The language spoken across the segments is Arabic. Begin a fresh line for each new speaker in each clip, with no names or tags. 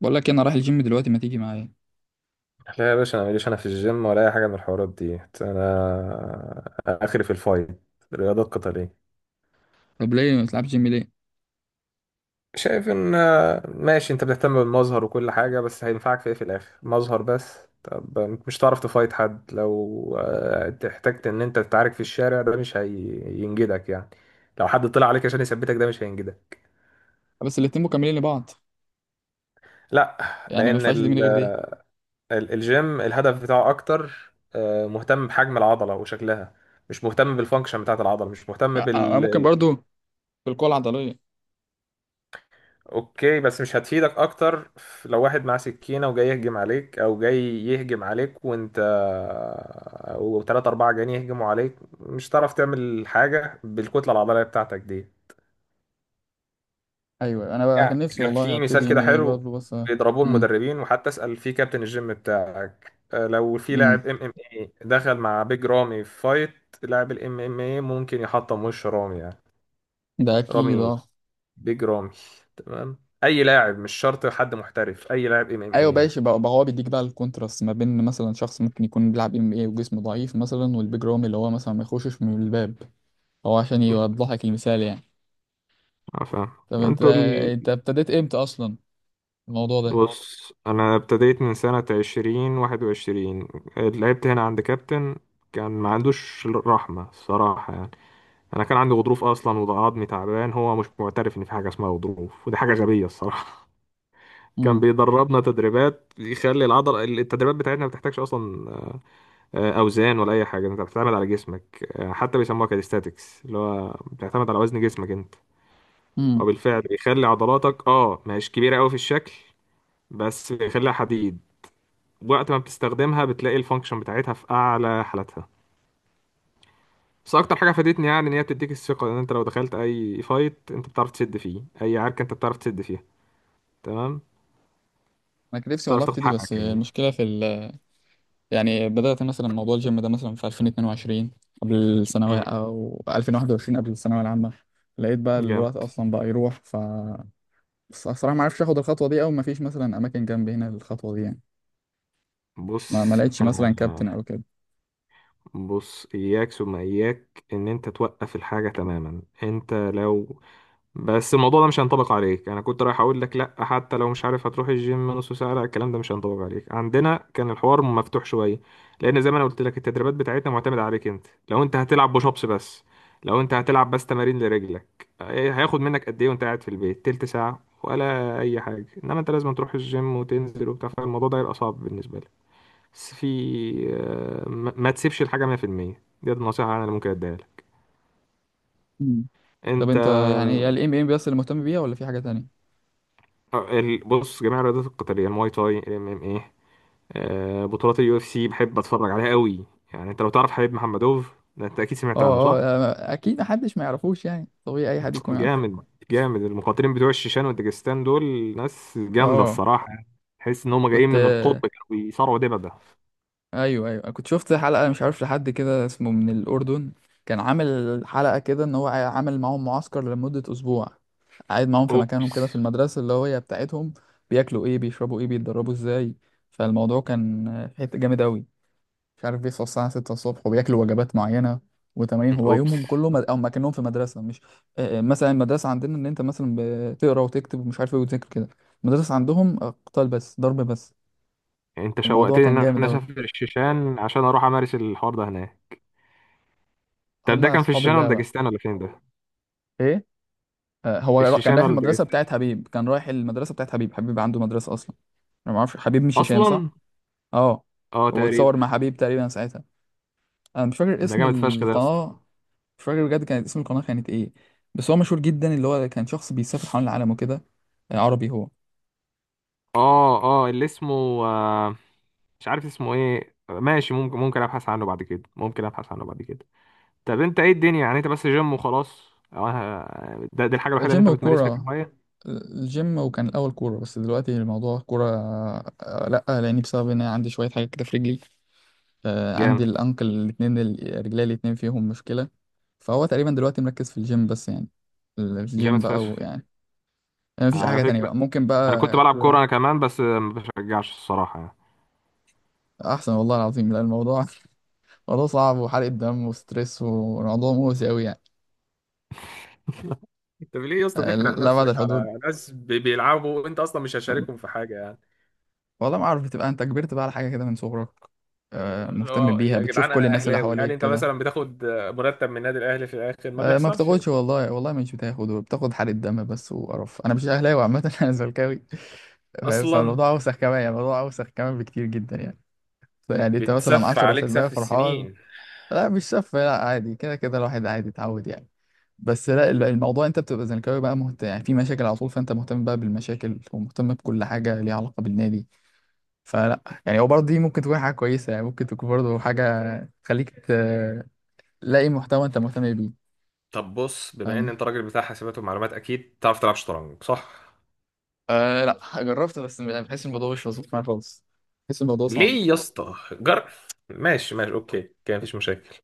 بقول لك إيه، انا رايح الجيم دلوقتي ما تيجي معايا؟
لا يا باشا، انا ماليش، انا في الجيم ولا اي حاجه من الحوارات دي، انا اخري في الفايت. الرياضات القتاليه.
طب ليه ما تلعبش جيم ليه؟
شايف ان ماشي، انت بتهتم بالمظهر وكل حاجه، بس هينفعك في ايه؟ في الاخر مظهر بس. طب، مش هتعرف تفايت حد لو احتجت ان انت تتعارك في الشارع، ده مش هينجدك يعني. لو حد طلع عليك عشان يثبتك ده مش هينجدك.
بس الاتنين مكملين لبعض.
لا.
يعني ما
لان
ينفعش دي من غير دي.
الجيم الهدف بتاعه اكتر، مهتم بحجم العضله وشكلها. مش مهتم بالفانكشن بتاعت العضله، مش مهتم.
أنا ممكن برضو في القوة العضلية.
اوكي، بس مش هتفيدك اكتر. لو واحد معاه سكينة وجاي يهجم عليك، او جاي يهجم عليك وانت وتلاتة اربعة جايين يهجموا عليك، مش هتعرف تعمل حاجة بالكتلة العضلية بتاعتك دي.
ايوه انا بقى
يعني
كان نفسي
كان
والله
في مثال
هبتدي ام
كده
ايه
حلو،
برضه بس.
بيضربوه
امم.
المدربين، وحتى اسأل في كابتن الجيم بتاعك. لو في
امم.
لاعب ام ام اي دخل مع بيج رامي في فايت، لاعب الام ام اي ممكن يحطم وش رامي يعني.
ده اكيد
رامي،
اه.
بيج رامي. تمام. اي لاعب، مش شرط حد محترف، اي لاعب ام ام
ايوه
اي يعني.
ماشي بقى هو بيديك بقى الكونتراست ما بين مثلا شخص ممكن يكون بيلعب MMA وجسمه ضعيف مثلا والبيج رامي اللي هو مثلا ما يخشش من الباب. هو عشان يوضح لك المثال يعني.
اه، فاهم.
طب انت
انتوا ال...
انت ابتديت امتى اصلا؟ الموضوع ده.
بص، انا ابتديت من سنة 2021. لعبت هنا عند كابتن. كان ما عندوش رحمة الصراحة يعني. انا كان عندي غضروف اصلا وعظمي تعبان، هو مش معترف ان في حاجة اسمها غضروف، ودي حاجة غبية الصراحة. كان
امم.
بيدربنا تدريبات يخلي العضل، التدريبات بتاعتنا ما بتحتاجش اصلا. اوزان ولا اي حاجه، انت بتعتمد على جسمك. حتى بيسموها كاليستاتكس، اللي هو بتعتمد على وزن جسمك انت.
امم.
وبالفعل بيخلي عضلاتك مش كبيره قوي في الشكل، بس خليها حديد. وقت ما بتستخدمها بتلاقي الفانكشن بتاعتها في اعلى حالاتها. بس اكتر حاجه فادتني يعني، ان هي بتديك الثقه ان انت لو دخلت اي فايت انت بتعرف تسد فيه، اي عركه انت بتعرف تسد فيها. تمام.
انا كان نفسي والله
بتعرف تاخد
ابتدي بس
حقك يعني.
المشكله في يعني بدأت مثلا موضوع الجيم ده مثلا في 2022، قبل الثانوية،
مم.
أو 2021 قبل الثانوية العامة. لقيت بقى
جامد.
الوقت أصلا بقى يروح بس الصراحة ما عرفش آخد الخطوة دي أو ما فيش مثلا أماكن جنبي هنا للخطوة دي يعني. ما
بص
لقيتش
انا
مثلا كابتن أو كده.
بص، اياك ثم اياك ان انت توقف الحاجه تماما، انت لو. بس الموضوع ده مش هينطبق عليك، انا كنت رايح اقول لك لا حتى لو مش عارف هتروح الجيم نص ساعه، لا الكلام ده مش هينطبق عليك، عندنا كان الحوار مفتوح شويه. لان زي ما انا قلت لك التدريبات بتاعتنا معتمده عليك انت، لو انت هتلعب بوش ابس بس. لو انت هتلعب بس تمارين لرجلك، إيه هياخد منك قد ايه وانت قاعد في البيت تلت ساعه ولا اي حاجه؟ انما انت لازم تروح الجيم وتنزل وبتاع، فالموضوع ده هيبقى صعب بالنسبه لك. بس في. ما تسيبش الحاجه 100%. دي النصيحه انا اللي ممكن اديها لك.
مم. طب
انت.
أنت يعني هي ال MMA بس اللي مهتم بيها ولا في حاجة تانية؟
بص، جميع الرياضات القتاليه، المواي تاي، الام ام ايه. بطولات اليو اف سي بحب اتفرج عليها قوي. يعني انت لو تعرف حبيب محمدوف ده، انت اكيد سمعت عنه
أه،
صح؟
أه، أكيد محدش ما يعرفوش يعني طبيعي أي حد يكون عارف.
جامد. جامد المقاتلين بتوع الشيشان والداجستان دول. ناس جامده
أه.
الصراحه. تحس ان هم جايين
كنت
من القطب كانوا بيصارعوا دبابه.
ايوه، ايوه، أنا كنت شفت حلقه مش عارف لحد كده اسمه من الاردن. كان عامل حلقه كده ان هو عامل معاهم معسكر لمده اسبوع. قاعد معاهم في مكانهم
اوبس.
كده في المدرسه اللي هي بتاعتهم. بياكلوا ايه، بيشربوا ايه، بيتدربوا ازاي؟ فالموضوع كان في حته جامد قوي. مش عارف بيصحوا الساعه 6 الصبح وبياكلوا وجبات معينه وتمارين. هو
اوبس.
يومهم كله او كانهم في مدرسه مش مثلا المدرسه عندنا ان انت مثلا بتقرا وتكتب ومش عارف ايه وتذاكر كده. المدرسه عندهم قتال بس، ضرب بس.
انت
الموضوع
شوقتني
كان
ان
جامد
انا
قوي.
اسافر الشيشان عشان اروح امارس الحوار ده هناك. طب ده
هما
كان في
اصحاب
الشيشان ولا
اللعبه.
داجستان ولا فين ده؟
ايه. هو كان
الشيشان
رايح
ولا
المدرسة
داجستان؟
بتاعت حبيب كان رايح المدرسة بتاعت حبيب. حبيب عنده مدرسة أصلا. أنا ما أعرفش، حبيب مش هشام صح؟
اصلا؟
أه.
اه، تقريبا.
واتصور مع حبيب تقريبا ساعتها. أنا مش فاكر
ده
اسم
جامد فشخ ده.
القناة. مش فاكر بجد كانت اسم القناة كانت إيه. بس هو مشهور جدا، اللي هو كان شخص بيسافر حول العالم وكده. عربي هو.
اه، اه، اللي اسمه، آه مش عارف اسمه ايه، ماشي، ممكن ابحث عنه بعد كده، ممكن ابحث عنه بعد كده. طب انت ايه الدنيا يعني، انت بس جيم وخلاص؟ آه، ده دي الحاجه الوحيده اللي
جيم
انت
وكورة،
بتمارسها
آه،
كهوايه؟
الجيم، وكان الأول كورة بس دلوقتي الموضوع كورة لأ، لأني بسبب إن أنا عندي شوية حاجة كده في رجلي.
جامد.
عندي الانكل الاتنين، رجلي الاتنين فيهم مشكلة. فهو تقريبا دلوقتي مركز في الجيم بس يعني.
جامد
الجيم بقى، ويعني
فشخ.
يعني يعني مفيش أي
على
حاجة تانية
فكره،
بقى، ممكن
انا كنت
بقى
بلعب كوره
كورة.
انا كمان، بس ما بشجعش الصراحه يعني.
أحسن والله العظيم، لا الموضوع موضوع صعب وحرق دم وستريس وموضوع مؤذي أوي يعني.
انت ليه يا اسطى تحرق
لا، بعد
نفسك
الحدود.
على ناس بيلعبوا وانت اصلا مش هشاركهم في حاجه يعني؟
والله ما أعرف، بتبقى أنت كبرت بقى على حاجة كده من صغرك.
اللي
مهتم
هو
بيها،
يا
بتشوف
جدعان،
كل
انا
الناس اللي
اهلاوي، هل
حواليك
انت
كده.
مثلا بتاخد مرتب من النادي الاهلي في الاخر؟ ما
ما
بيحصلش يا
بتاخدش،
اسطى.
والله والله مش بتاخد، بتاخد حرق الدم بس وقرف. أنا مش أهلاوي عامة أنا زملكاوي، فاهم؟
اصلا.
فالموضوع أوسخ كمان يعني، الموضوع أوسخ كمان بكتير جدا يعني. يعني أنت مثلا
بتسف عليك
10%
سف
فرحان.
السنين.
لا مش سف، لا عادي، كده كده الواحد عادي اتعود يعني. بس لا، الموضوع، أنت بتبقى زملكاوي بقى مهتم يعني في مشاكل على طول، فأنت مهتم بقى بالمشاكل، ومهتم بكل حاجة ليها علاقة بالنادي. فلا، يعني هو برضه دي ممكن تكون حاجة كويسة، يعني ممكن تكون برضه حاجة تخليك تلاقي محتوى أنت مهتم بيه.
طب بص، بما ان
فاهم.
انت راجل بتاع حاسبات ومعلومات، اكيد تعرف تلعب شطرنج صح؟
آه، لا، جربت بس بحس الموضوع مش مظبوط معايا خالص. بحس الموضوع صعب.
ليه يا اسطى ماشي، ماشي، اوكي، كان مفيش مشاكل.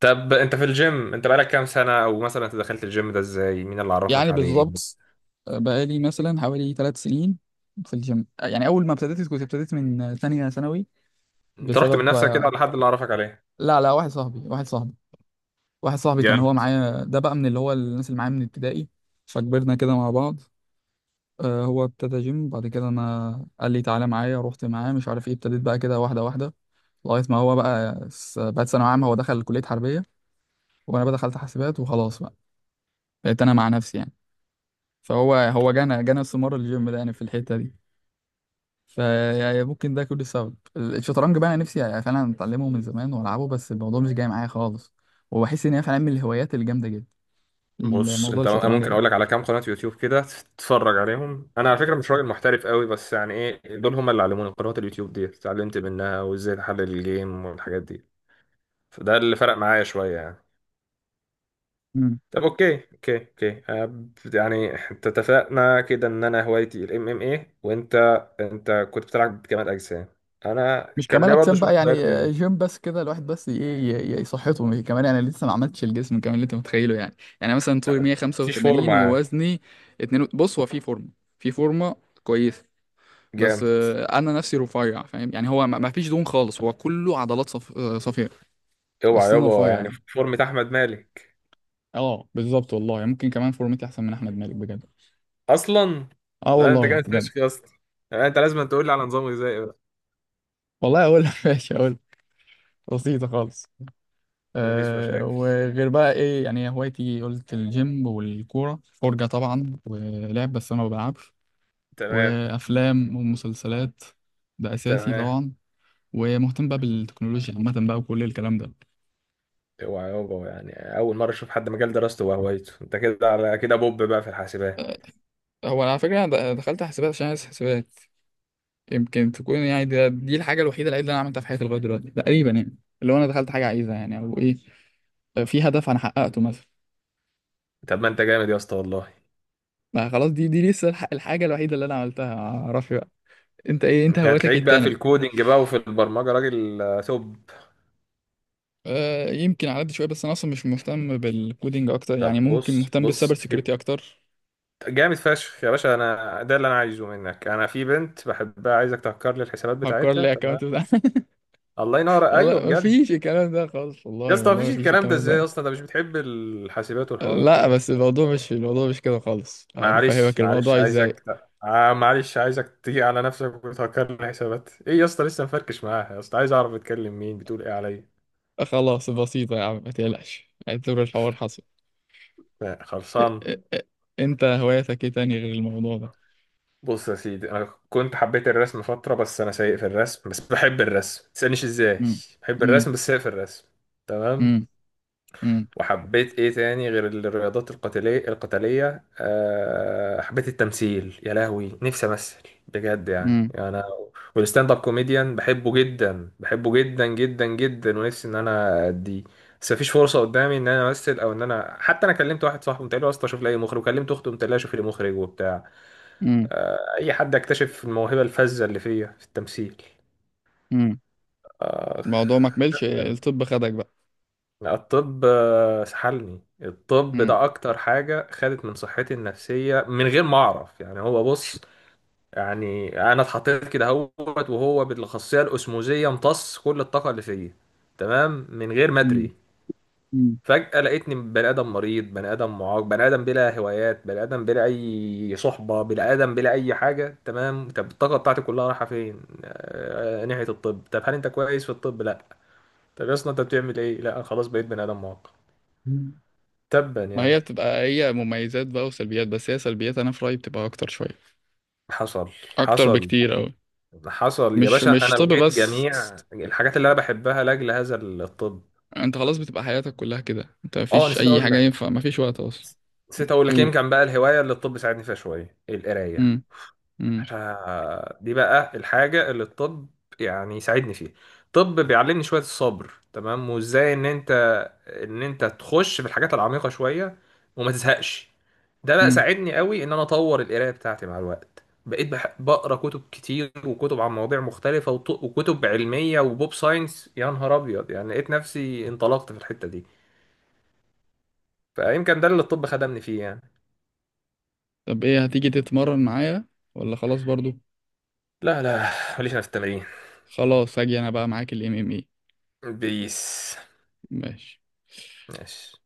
طب انت في الجيم، انت بقالك كام سنة؟ او مثلا انت دخلت الجيم ده ازاي؟ مين اللي عرفك
يعني
عليه؟
بالظبط بقالي مثلا حوالي 3 سنين في الجيم. يعني اول ما ابتديت كنت ابتديت من ثانيه ثانوي،
انت رحت من
بسبب
نفسك كده
آه،
ولا حد اللي عرفك عليه؟
لا، لا، واحد صاحبي كان
يعني.
هو معايا، ده بقى من اللي هو الناس اللي معايا من ابتدائي. فكبرنا كده مع بعض. هو ابتدى جيم بعد كده، انا قال لي تعالى معايا، رحت معاه مش عارف ايه، ابتديت بقى كده واحده واحده. لغايه ما بقت ثانويه عامه، هو دخل كليه حربيه وانا بقى دخلت حاسبات وخلاص بقى. بقيت انا مع نفسي يعني. فهو جانا استمرار الجيم ده يعني في الحته دي. فيعني ممكن ده كل سبب. الشطرنج بقى انا نفسي يعني فعلا اتعلمه من زمان والعبه، بس الموضوع مش جاي معايا خالص. وبحس ان هي فعلا من الهوايات الجامده جدا،
بص،
الموضوع
انت
الشطرنج
ممكن
ده.
اقول لك على كام قناة يوتيوب كده تتفرج عليهم. انا على فكرة مش راجل محترف قوي بس، يعني ايه، دول هم اللي علموني، قنوات اليوتيوب دي اتعلمت منها وازاي تحلل الجيم والحاجات دي. فده اللي فرق معايا شوية يعني.
مم.
طب، اوكي، اوكي، اوكي، يعني انت اتفقنا كده ان انا هوايتي الام ام اي، وانت، انت كنت بتلعب كمال اجسام. انا
مش
كان
كمال
ليا برضه
اجسام
شويه
بقى يعني،
هوايات تانية.
جيم بس كده الواحد، بس ايه يصحته، كمان انا لسه ما عملتش الجسم كمان اللي انت متخيله يعني. يعني مثلا طولي
مفيش
185
فورمه يعني؟
ووزني 2. بص هو في فورمه كويسه، بس
جامد.
انا نفسي رفيع، فاهم يعني. هو ما فيش دهون خالص، هو كله عضلات صف... آه، صفياء.
اوعى
بس انا رفيع
يابا، يعني
يعني.
فورمه احمد مالك؟
اه بالظبط والله، يعني ممكن كمان فورمتي احسن من احمد مالك بجد.
اصلا؟
اه
لا، انت
والله
جامد
بجد.
فشخ يا اسطى. يعني انت لازم تقول لي على نظام غذائي بقى.
والله اقول ماشي اقول. بسيطه خالص.
مفيش
أه،
مشاكل.
وغير بقى ايه يعني هوايتي؟ قلت الجيم والكوره، فرجه طبعا، ولعب بس انا ما بلعبش،
تمام.
وافلام ومسلسلات، ده اساسي
تمام.
طبعا. ومهتم بقى بالتكنولوجيا عامه بقى وكل الكلام ده.
اوعى يابا، يعني اول مره اشوف حد مجال دراسته وهوايته، انت كده على كده بوب بقى في الحاسبات.
آه، هو على فكرة أنا دخلت حسابات عشان عايز حسابات. يمكن تكون يعني دي الحاجة الوحيدة العيب اللي أنا عملتها في حياتي لغاية دلوقتي تقريبا يعني، اللي هو أنا دخلت حاجة عايزها يعني، أو إيه، في هدف انا حققته مثلا.
طب ما انت جامد يا اسطى والله.
ما خلاص، دي لسه الحاجه الوحيده اللي انا عملتها، معرفش بقى. انت ايه، انت
انت
هوايتك إيه
هتلاقيك بقى في
التانية؟
الكودينج بقى وفي البرمجه، راجل توب.
أه يمكن على قد شويه، بس انا اصلا مش مهتم بالكودينج اكتر،
طب
يعني ممكن
بص،
مهتم بالسايبر
بص.
سيكيورتي اكتر.
جامد فشخ يا باشا، انا ده اللي انا عايزه منك. انا في بنت بحبها، عايزك تهكر لي الحسابات
هكر
بتاعتها،
لي
تمام؟
اكونت بتاع
الله ينور،
والله
ايوه
ما
بجد.
فيش الكلام ده خالص،
يا
والله
اسطى
والله
مفيش
ما فيش
الكلام ده
الكلام
ازاي يا
ده.
اسطى؟ انت مش بتحب الحاسبات والحوارات
لا
دي؟
بس الموضوع، مش كده خالص.
معلش،
بفهمك
معلش،
الموضوع ازاي.
عايزك. معلش، عايزك تيجي على نفسك وتهكر لي الحسابات. ايه يا اسطى، لسه مفركش معاها يا اسطى؟ عايز اعرف بتكلم مين، بتقول ايه عليا.
خلاص بسيطه يا عم، ما تقلقش، اعتبر الحوار حصل. أه.
خلصان.
أه. أه. انت هوايتك ايه تاني غير الموضوع ده؟
بص يا سيدي، انا كنت حبيت الرسم فتره، بس انا سيء في الرسم، بس بحب الرسم، ما تسالنيش ازاي. بحب
امم.
الرسم بس سيء في الرسم. تمام.
امم.
وحبيت ايه تاني غير الرياضات القتاليه. أه، حبيت التمثيل، يا لهوي نفسي امثل بجد يعني
امم.
انا. والستاند اب كوميديان بحبه جدا، بحبه جدا جدا جدا، ونفسي ان انا اديه. بس مفيش فرصه قدامي ان انا امثل، او ان انا حتى، انا كلمت واحد صاحبي قلت له يا اسطى شوف لي أي مخرج، وكلمت اخته قلت لها شوف لي مخرج وبتاع،
امم.
اي حد يكتشف الموهبه الفذه اللي فيا في التمثيل.
امم.
اخ.
الموضوع ما كملش الطب خدك بقى.
الطب سحلني، الطب
امم.
ده اكتر حاجه خدت من صحتي النفسيه من غير ما اعرف يعني. هو بص، يعني انا اتحطيت كده اهوت، وهو بالاخصائيه الاسموزيه امتص كل الطاقه اللي فيا. تمام، من غير ما
امم.
ادري. فجأة لقيتني بني آدم مريض، بني آدم معاق، بني آدم بلا هوايات، بني آدم بلا أي صحبة، بني آدم بلا أي حاجة. تمام، طب الطاقة بتاعتي كلها رايحة فين؟ ناحية الطب. طب هل أنت كويس في الطب؟ لأ. طب يا اسطى أنت بتعمل إيه؟ لأ، أنا خلاص بقيت بني آدم معاق.
امم.
تبا
ما
يعني.
هي بتبقى هي مميزات بقى وسلبيات، بس هي سلبيات انا في رأيي بتبقى اكتر شوية،
حصل.
اكتر
حصل.
بكتير اوي.
حصل يا
مش
باشا،
مش
أنا
طب
لقيت
بس،
جميع الحاجات اللي أنا بحبها لأجل هذا الطب.
انت خلاص بتبقى حياتك كلها كده، انت
أه،
مفيش
نسيت
اي
أقول
حاجة
لك.
ينفع، مفيش وقت اصلا.
نسيت أقول لك،
قول.
يمكن بقى الهواية اللي الطب ساعدني فيها شوية، القراية.
امم. امم.
احنا دي بقى الحاجة اللي الطب يعني يساعدني فيها. الطب بيعلمني شوية الصبر، تمام، وازاي ان انت، ان انت تخش في الحاجات العميقة شوية وما تزهقش. ده بقى
امم.
ساعدني قوي ان انا اطور القراية بتاعتي، مع الوقت بقيت بقرا كتب كتير، وكتب عن مواضيع مختلفة، وكتب علمية وبوب ساينس، يا نهار ابيض يعني، لقيت نفسي انطلقت في الحتة دي. فيمكن ده اللي الطب خدمني فيه يعني.
طب ايه، هتيجي تتمرن معايا ولا خلاص برضو؟
لا، لا. ماليش انا في التمرين.
خلاص هاجي انا بقى معاك الMMA.
بيس.
ماشي.
ماشي.